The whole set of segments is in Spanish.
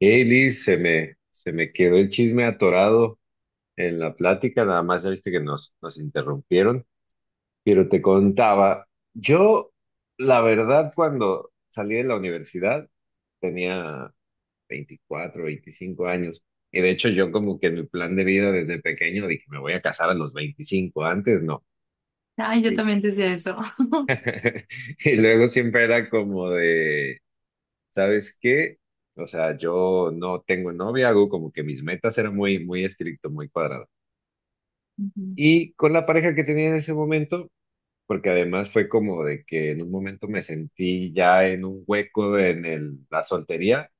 Hey Liz, se me quedó el chisme atorado en la plática, nada más ya viste que nos interrumpieron, pero te contaba, yo la verdad cuando salí de la universidad tenía 24 25 años, y de hecho yo como que mi plan de vida desde pequeño dije, me voy a casar a los 25 antes no. Ay, yo Y, también decía eso. y luego siempre era como de, ¿sabes qué? O sea, yo no tengo novia, hago como que mis metas eran muy, muy estricto, muy cuadrado. Ujú, Y con la pareja que tenía en ese momento, porque además fue como de que en un momento me sentí ya en un hueco la soltería,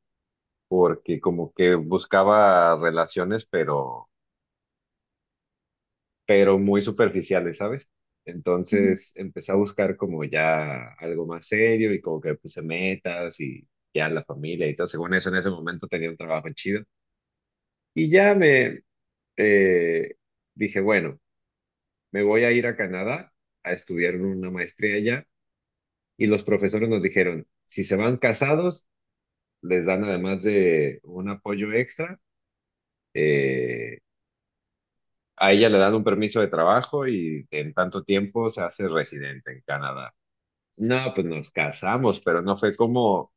porque como que buscaba relaciones, pero muy superficiales, ¿sabes? ujú. Entonces empecé a buscar como ya algo más serio y como que puse metas y ya la familia y todo. Según eso, en ese momento tenía un trabajo chido. Y ya me eh, dije, bueno, me voy a ir a Canadá a estudiar una maestría allá. Y los profesores nos dijeron, si se van casados, les dan además de un apoyo extra, eh, a ella le dan un permiso de trabajo y en tanto tiempo se hace residente en Canadá. No, pues nos casamos, pero no fue como,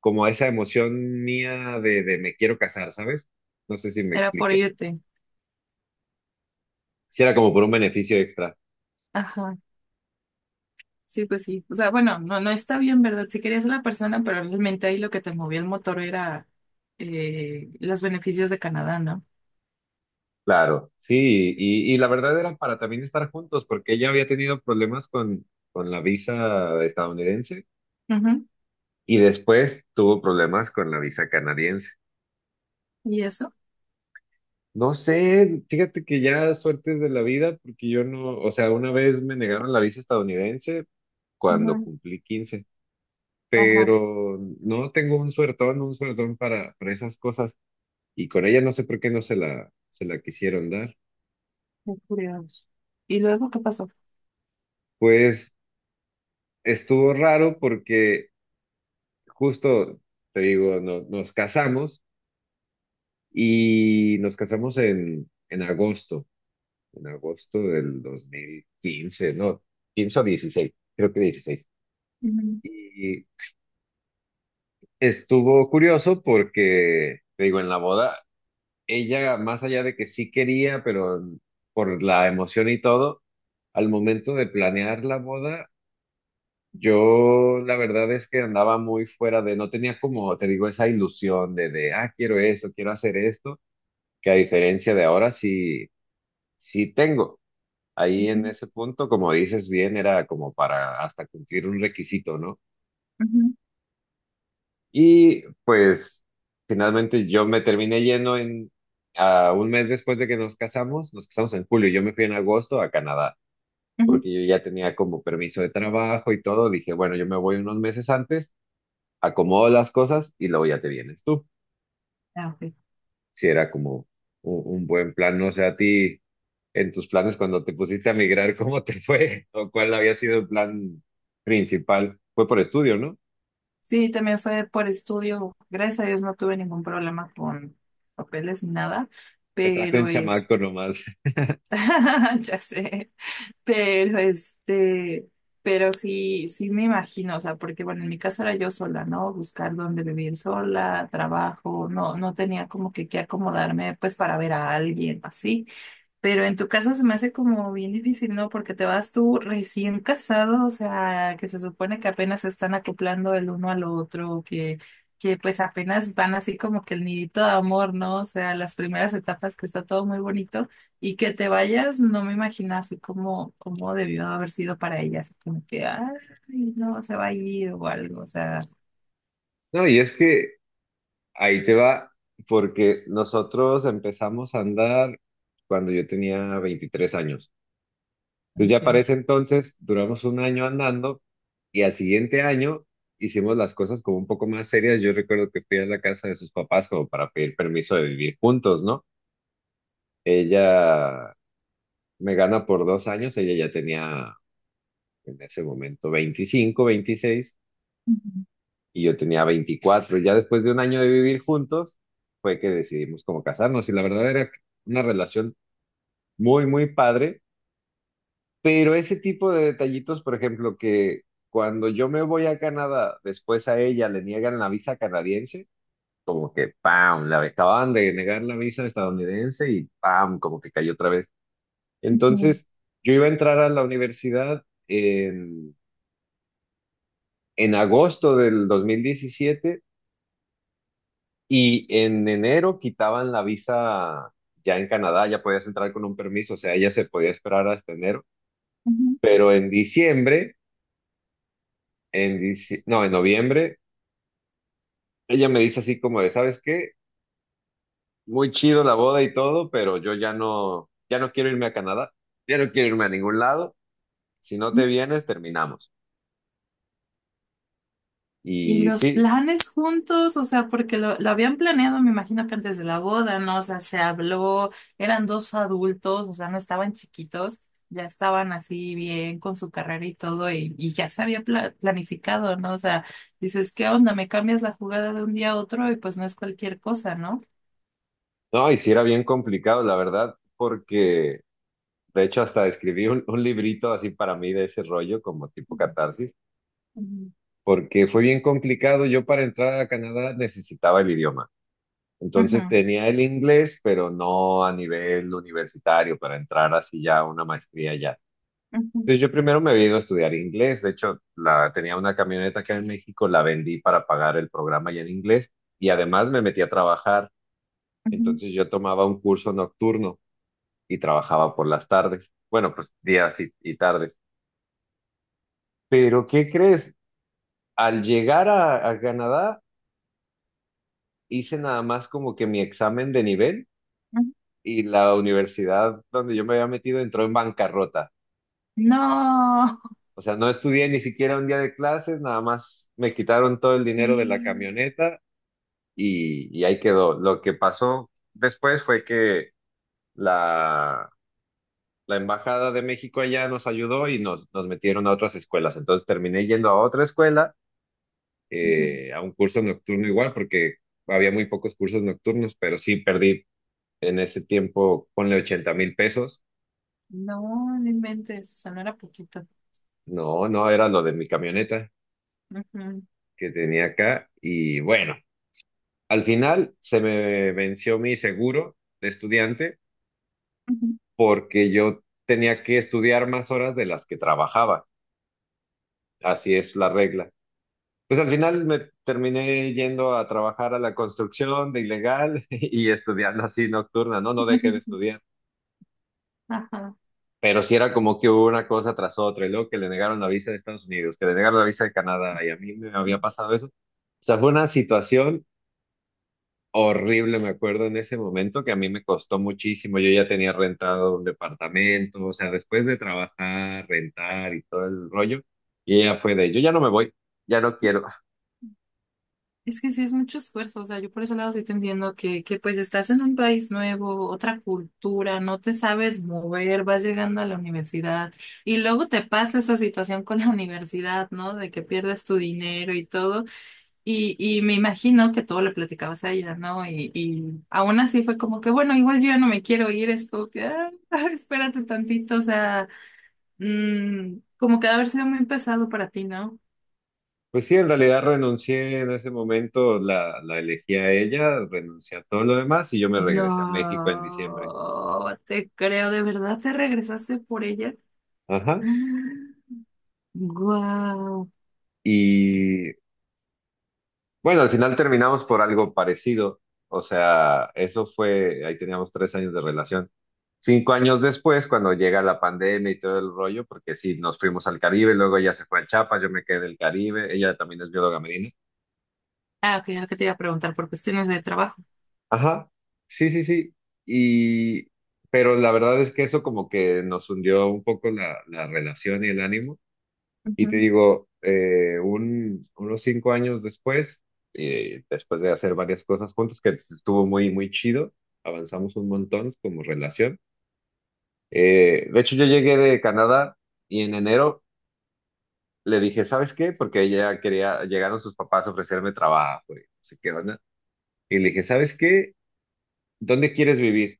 como esa emoción mía de me quiero casar, ¿sabes? No sé si me Era por expliqué. irte. Si era como por un beneficio extra. Ajá. Sí, pues sí. O sea, bueno, no, no está bien, ¿verdad? Si querías a la persona, pero realmente ahí lo que te movía el motor era los beneficios de Canadá, ¿no? Claro, sí, y la verdad era para también estar juntos, porque ella había tenido problemas con la visa estadounidense Ujú. y después tuvo problemas con la visa canadiense. ¿Y eso? No sé, fíjate que ya suertes de la vida, porque yo no, o sea, una vez me negaron la visa estadounidense cuando Ujú. cumplí 15, Ajá, pero no tengo un suertón para esas cosas, y con ella no sé por qué no se la quisieron dar. qué curioso. ¿Y luego qué pasó? Pues estuvo raro porque justo, te digo, nos casamos y nos casamos en agosto, en agosto del 2015 no, 15 o 16, creo que 16. Ujú, Y estuvo curioso porque, te digo, en la boda, ella, más allá de que sí quería, pero por la emoción y todo, al momento de planear la boda, yo la verdad es que andaba muy fuera de, no tenía como, te digo, esa ilusión de quiero esto, quiero hacer esto. Que a diferencia de ahora sí, sí tengo. Ahí en ujú, ese punto, como dices bien, era como para hasta cumplir un requisito, ¿no? ujú, Y pues finalmente yo me terminé yendo a un mes después de que nos casamos en julio, yo me fui en agosto a Canadá, ujú. porque yo ya tenía como permiso de trabajo y todo, dije, bueno, yo me voy unos meses antes, acomodo las cosas y luego ya te vienes tú. Ah, ok. Si era como un buen plan, no sé a ti, en tus planes cuando te pusiste a migrar, ¿cómo te fue? ¿O cuál había sido el plan principal? Fue por estudio, ¿no? Sí, también fue por estudio. Gracias a Dios no tuve ningún problema con papeles ni nada, Te trajo un pero es, chamaco nomás. ya sé. Pero este, pero sí, sí me imagino, o sea, porque bueno, en mi caso era yo sola, ¿no? Buscar dónde vivir sola, trabajo, no, no tenía como que acomodarme pues para ver a alguien así. Pero en tu caso se me hace como bien difícil, ¿no? Porque te vas tú recién casado, o sea, que se supone que apenas se están acoplando el uno al otro, que pues apenas van así como que el nidito de amor, ¿no? O sea, las primeras etapas que está todo muy bonito y que te vayas, no me imagino así como, como debió haber sido para ella, así como que, ay, no, se va a ir o algo, o sea. No, y es que ahí te va, porque nosotros empezamos a andar cuando yo tenía 23 años. Entonces ya para Ok. ese entonces duramos un año andando y al siguiente año hicimos las cosas como un poco más serias. Yo recuerdo que fui a la casa de sus papás como para pedir permiso de vivir juntos, ¿no? Ella me gana por 2 años, ella ya tenía en ese momento 25 26 Ujú, y yo tenía 24. Ya después de un año de vivir juntos, fue que decidimos como casarnos y la verdad era una relación muy, muy padre, pero ese tipo de detallitos, por ejemplo, que cuando yo me voy a Canadá, después a ella le niegan la visa canadiense. Como que, ¡pam! Le acababan de negar la visa estadounidense y ¡pam! Como que cayó otra vez. ujú, Entonces, yo iba a entrar a la universidad en agosto del 2017 y en enero quitaban la visa ya en Canadá, ya podías entrar con un permiso, o sea, ella se podía esperar hasta enero, ujú. pero en diciembre, no, en noviembre, ella me dice así como de, ¿sabes qué? Muy chido la boda y todo, pero yo ya no, quiero irme a Canadá, ya no quiero irme a ningún lado, si no te vienes, terminamos. Y Y los sí, planes juntos, o sea, porque lo habían planeado, me imagino que antes de la boda, ¿no? O sea, se habló, eran dos adultos, o sea, no estaban chiquitos, ya estaban así bien con su carrera y todo, y ya se había planificado, ¿no? O sea, dices, ¿qué onda? Me cambias la jugada de un día a otro y pues no es cualquier cosa, ¿no? no, y sí era bien complicado, la verdad, porque, de hecho, hasta escribí un librito así para mí de ese rollo, como tipo catarsis, Ujú, porque fue bien complicado. Yo para entrar a Canadá necesitaba el idioma. Entonces ujú, tenía el inglés, pero no a nivel universitario para entrar así ya a una maestría ya. ujú, Entonces yo primero me vino a estudiar inglés. De hecho, tenía una camioneta acá en México, la vendí para pagar el programa ya en inglés y además me metí a trabajar. ujú, Entonces yo tomaba un curso nocturno y trabajaba por las tardes. Bueno, pues días y tardes. Pero, ¿qué crees? Al llegar a Canadá, hice nada más como que mi examen de nivel ujú. y la universidad donde yo me había metido entró en bancarrota. No. O sea, no estudié ni siquiera un día de clases, nada más me quitaron todo el dinero de la Sí, camioneta y ahí quedó. Lo que pasó después fue que la, la Embajada de México allá nos ayudó y nos metieron a otras escuelas. Entonces terminé yendo a otra escuela, ujú. A un curso nocturno igual, porque había muy pocos cursos nocturnos, pero sí perdí en ese tiempo, ponle 80,000 pesos. No, no inventes, o sea, no era poquito. No, no, era lo de mi camioneta Ujú, que tenía acá. Y bueno, al final se me venció mi seguro de estudiante ujú, porque yo tenía que estudiar más horas de las que trabajaba. Así es la regla. Pues al final me terminé yendo a trabajar a la construcción de ilegal y estudiando así nocturna, ¿no? No dejé de ujú. estudiar. Ajá. Pero sí era como que hubo una cosa tras otra, y luego que le negaron la visa de Estados Unidos, que le negaron la visa de Canadá, y a mí me había pasado eso. O sea, fue una situación horrible, me acuerdo en ese momento, que a mí me costó muchísimo. Yo ya tenía rentado un departamento, o sea, después de trabajar, rentar y todo el rollo, y ella fue de, yo ya no me voy, ya no quiero. Es que sí es mucho esfuerzo, o sea, yo por ese lado sí te entiendo que pues estás en un país nuevo, otra cultura, no te sabes mover, vas llegando a la universidad y luego te pasa esa situación con la universidad, ¿no? De que pierdes tu dinero y todo. Y me imagino que todo lo platicabas a ella, ¿no? Y aún así fue como que, bueno, igual yo ya no me quiero ir, es como que, ah, espérate tantito, o sea, como que ha de haber sido muy pesado para ti, ¿no? Pues sí, en realidad renuncié en ese momento, la elegí a ella, renuncié a todo lo demás, y yo me regresé a México en diciembre. No, te creo, ¿de verdad te regresaste por ella? Ajá. Wow. Y bueno, al final terminamos por algo parecido. O sea, eso fue, ahí teníamos 3 años de relación. 5 años después, cuando llega la pandemia y todo el rollo, porque sí, nos fuimos al Caribe, luego ella se fue a Chiapas, yo me quedé en el Caribe, ella también es bióloga marina. Ah, ok, ahora que te iba a preguntar por cuestiones de trabajo. Ajá, sí, sí, sí. Y, pero la verdad es que eso como que nos hundió un poco la relación y el ánimo. Y te Ujú. digo, unos 5 años después, después de hacer varias cosas juntos, que estuvo muy, muy chido, avanzamos un montón como relación. De hecho, yo llegué de Canadá y en enero le dije, ¿sabes qué? Porque ella quería, llegaron sus papás a ofrecerme trabajo y no sé qué onda. Y le dije, ¿sabes qué? ¿Dónde quieres vivir?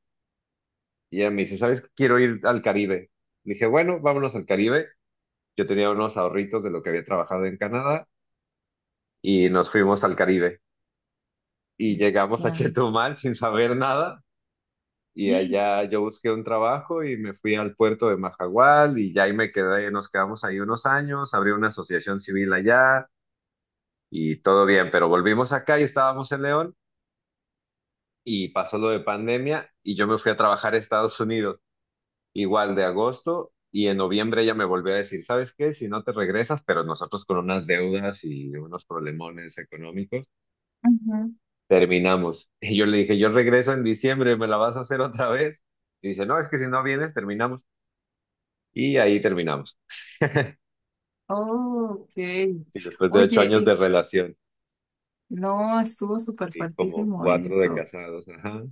Y ella me dice, ¿sabes qué? Quiero ir al Caribe. Le dije, bueno, vámonos al Caribe. Yo tenía unos ahorritos de lo que había trabajado en Canadá y nos fuimos al Caribe. Y llegamos a Ya. Chetumal sin saber nada y allá yo busqué un trabajo y me fui al puerto de Majagual y ya ahí me quedé, nos quedamos ahí unos años, abrí una asociación civil allá y todo bien, pero volvimos acá y estábamos en León y pasó lo de pandemia y yo me fui a trabajar a Estados Unidos, igual de agosto. Y en noviembre ella me volvió a decir, ¿sabes qué? Si no te regresas, pero nosotros con unas deudas y unos problemones económicos, Ujú. terminamos. Y yo le dije, yo regreso en diciembre, ¿me la vas a hacer otra vez? Y dice, no, es que si no vienes, terminamos. Y ahí terminamos. Oh, ok. Y después de ocho Oye, años de es, relación no, estuvo súper y como fuertísimo cuatro de eso. casados, ajá.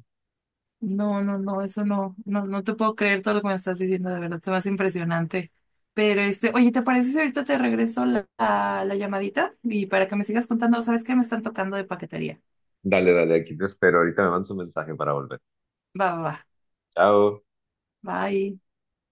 No, no, no, eso no, no, no te puedo creer todo lo que me estás diciendo, de verdad, se me hace impresionante. Pero este, oye, ¿te parece si ahorita te regreso la llamadita? Y para que me sigas contando, ¿sabes qué? Me están tocando de paquetería. Dale, dale, aquí te espero. Ahorita me mandas un mensaje para volver. Va, va, va. Chao. Bye.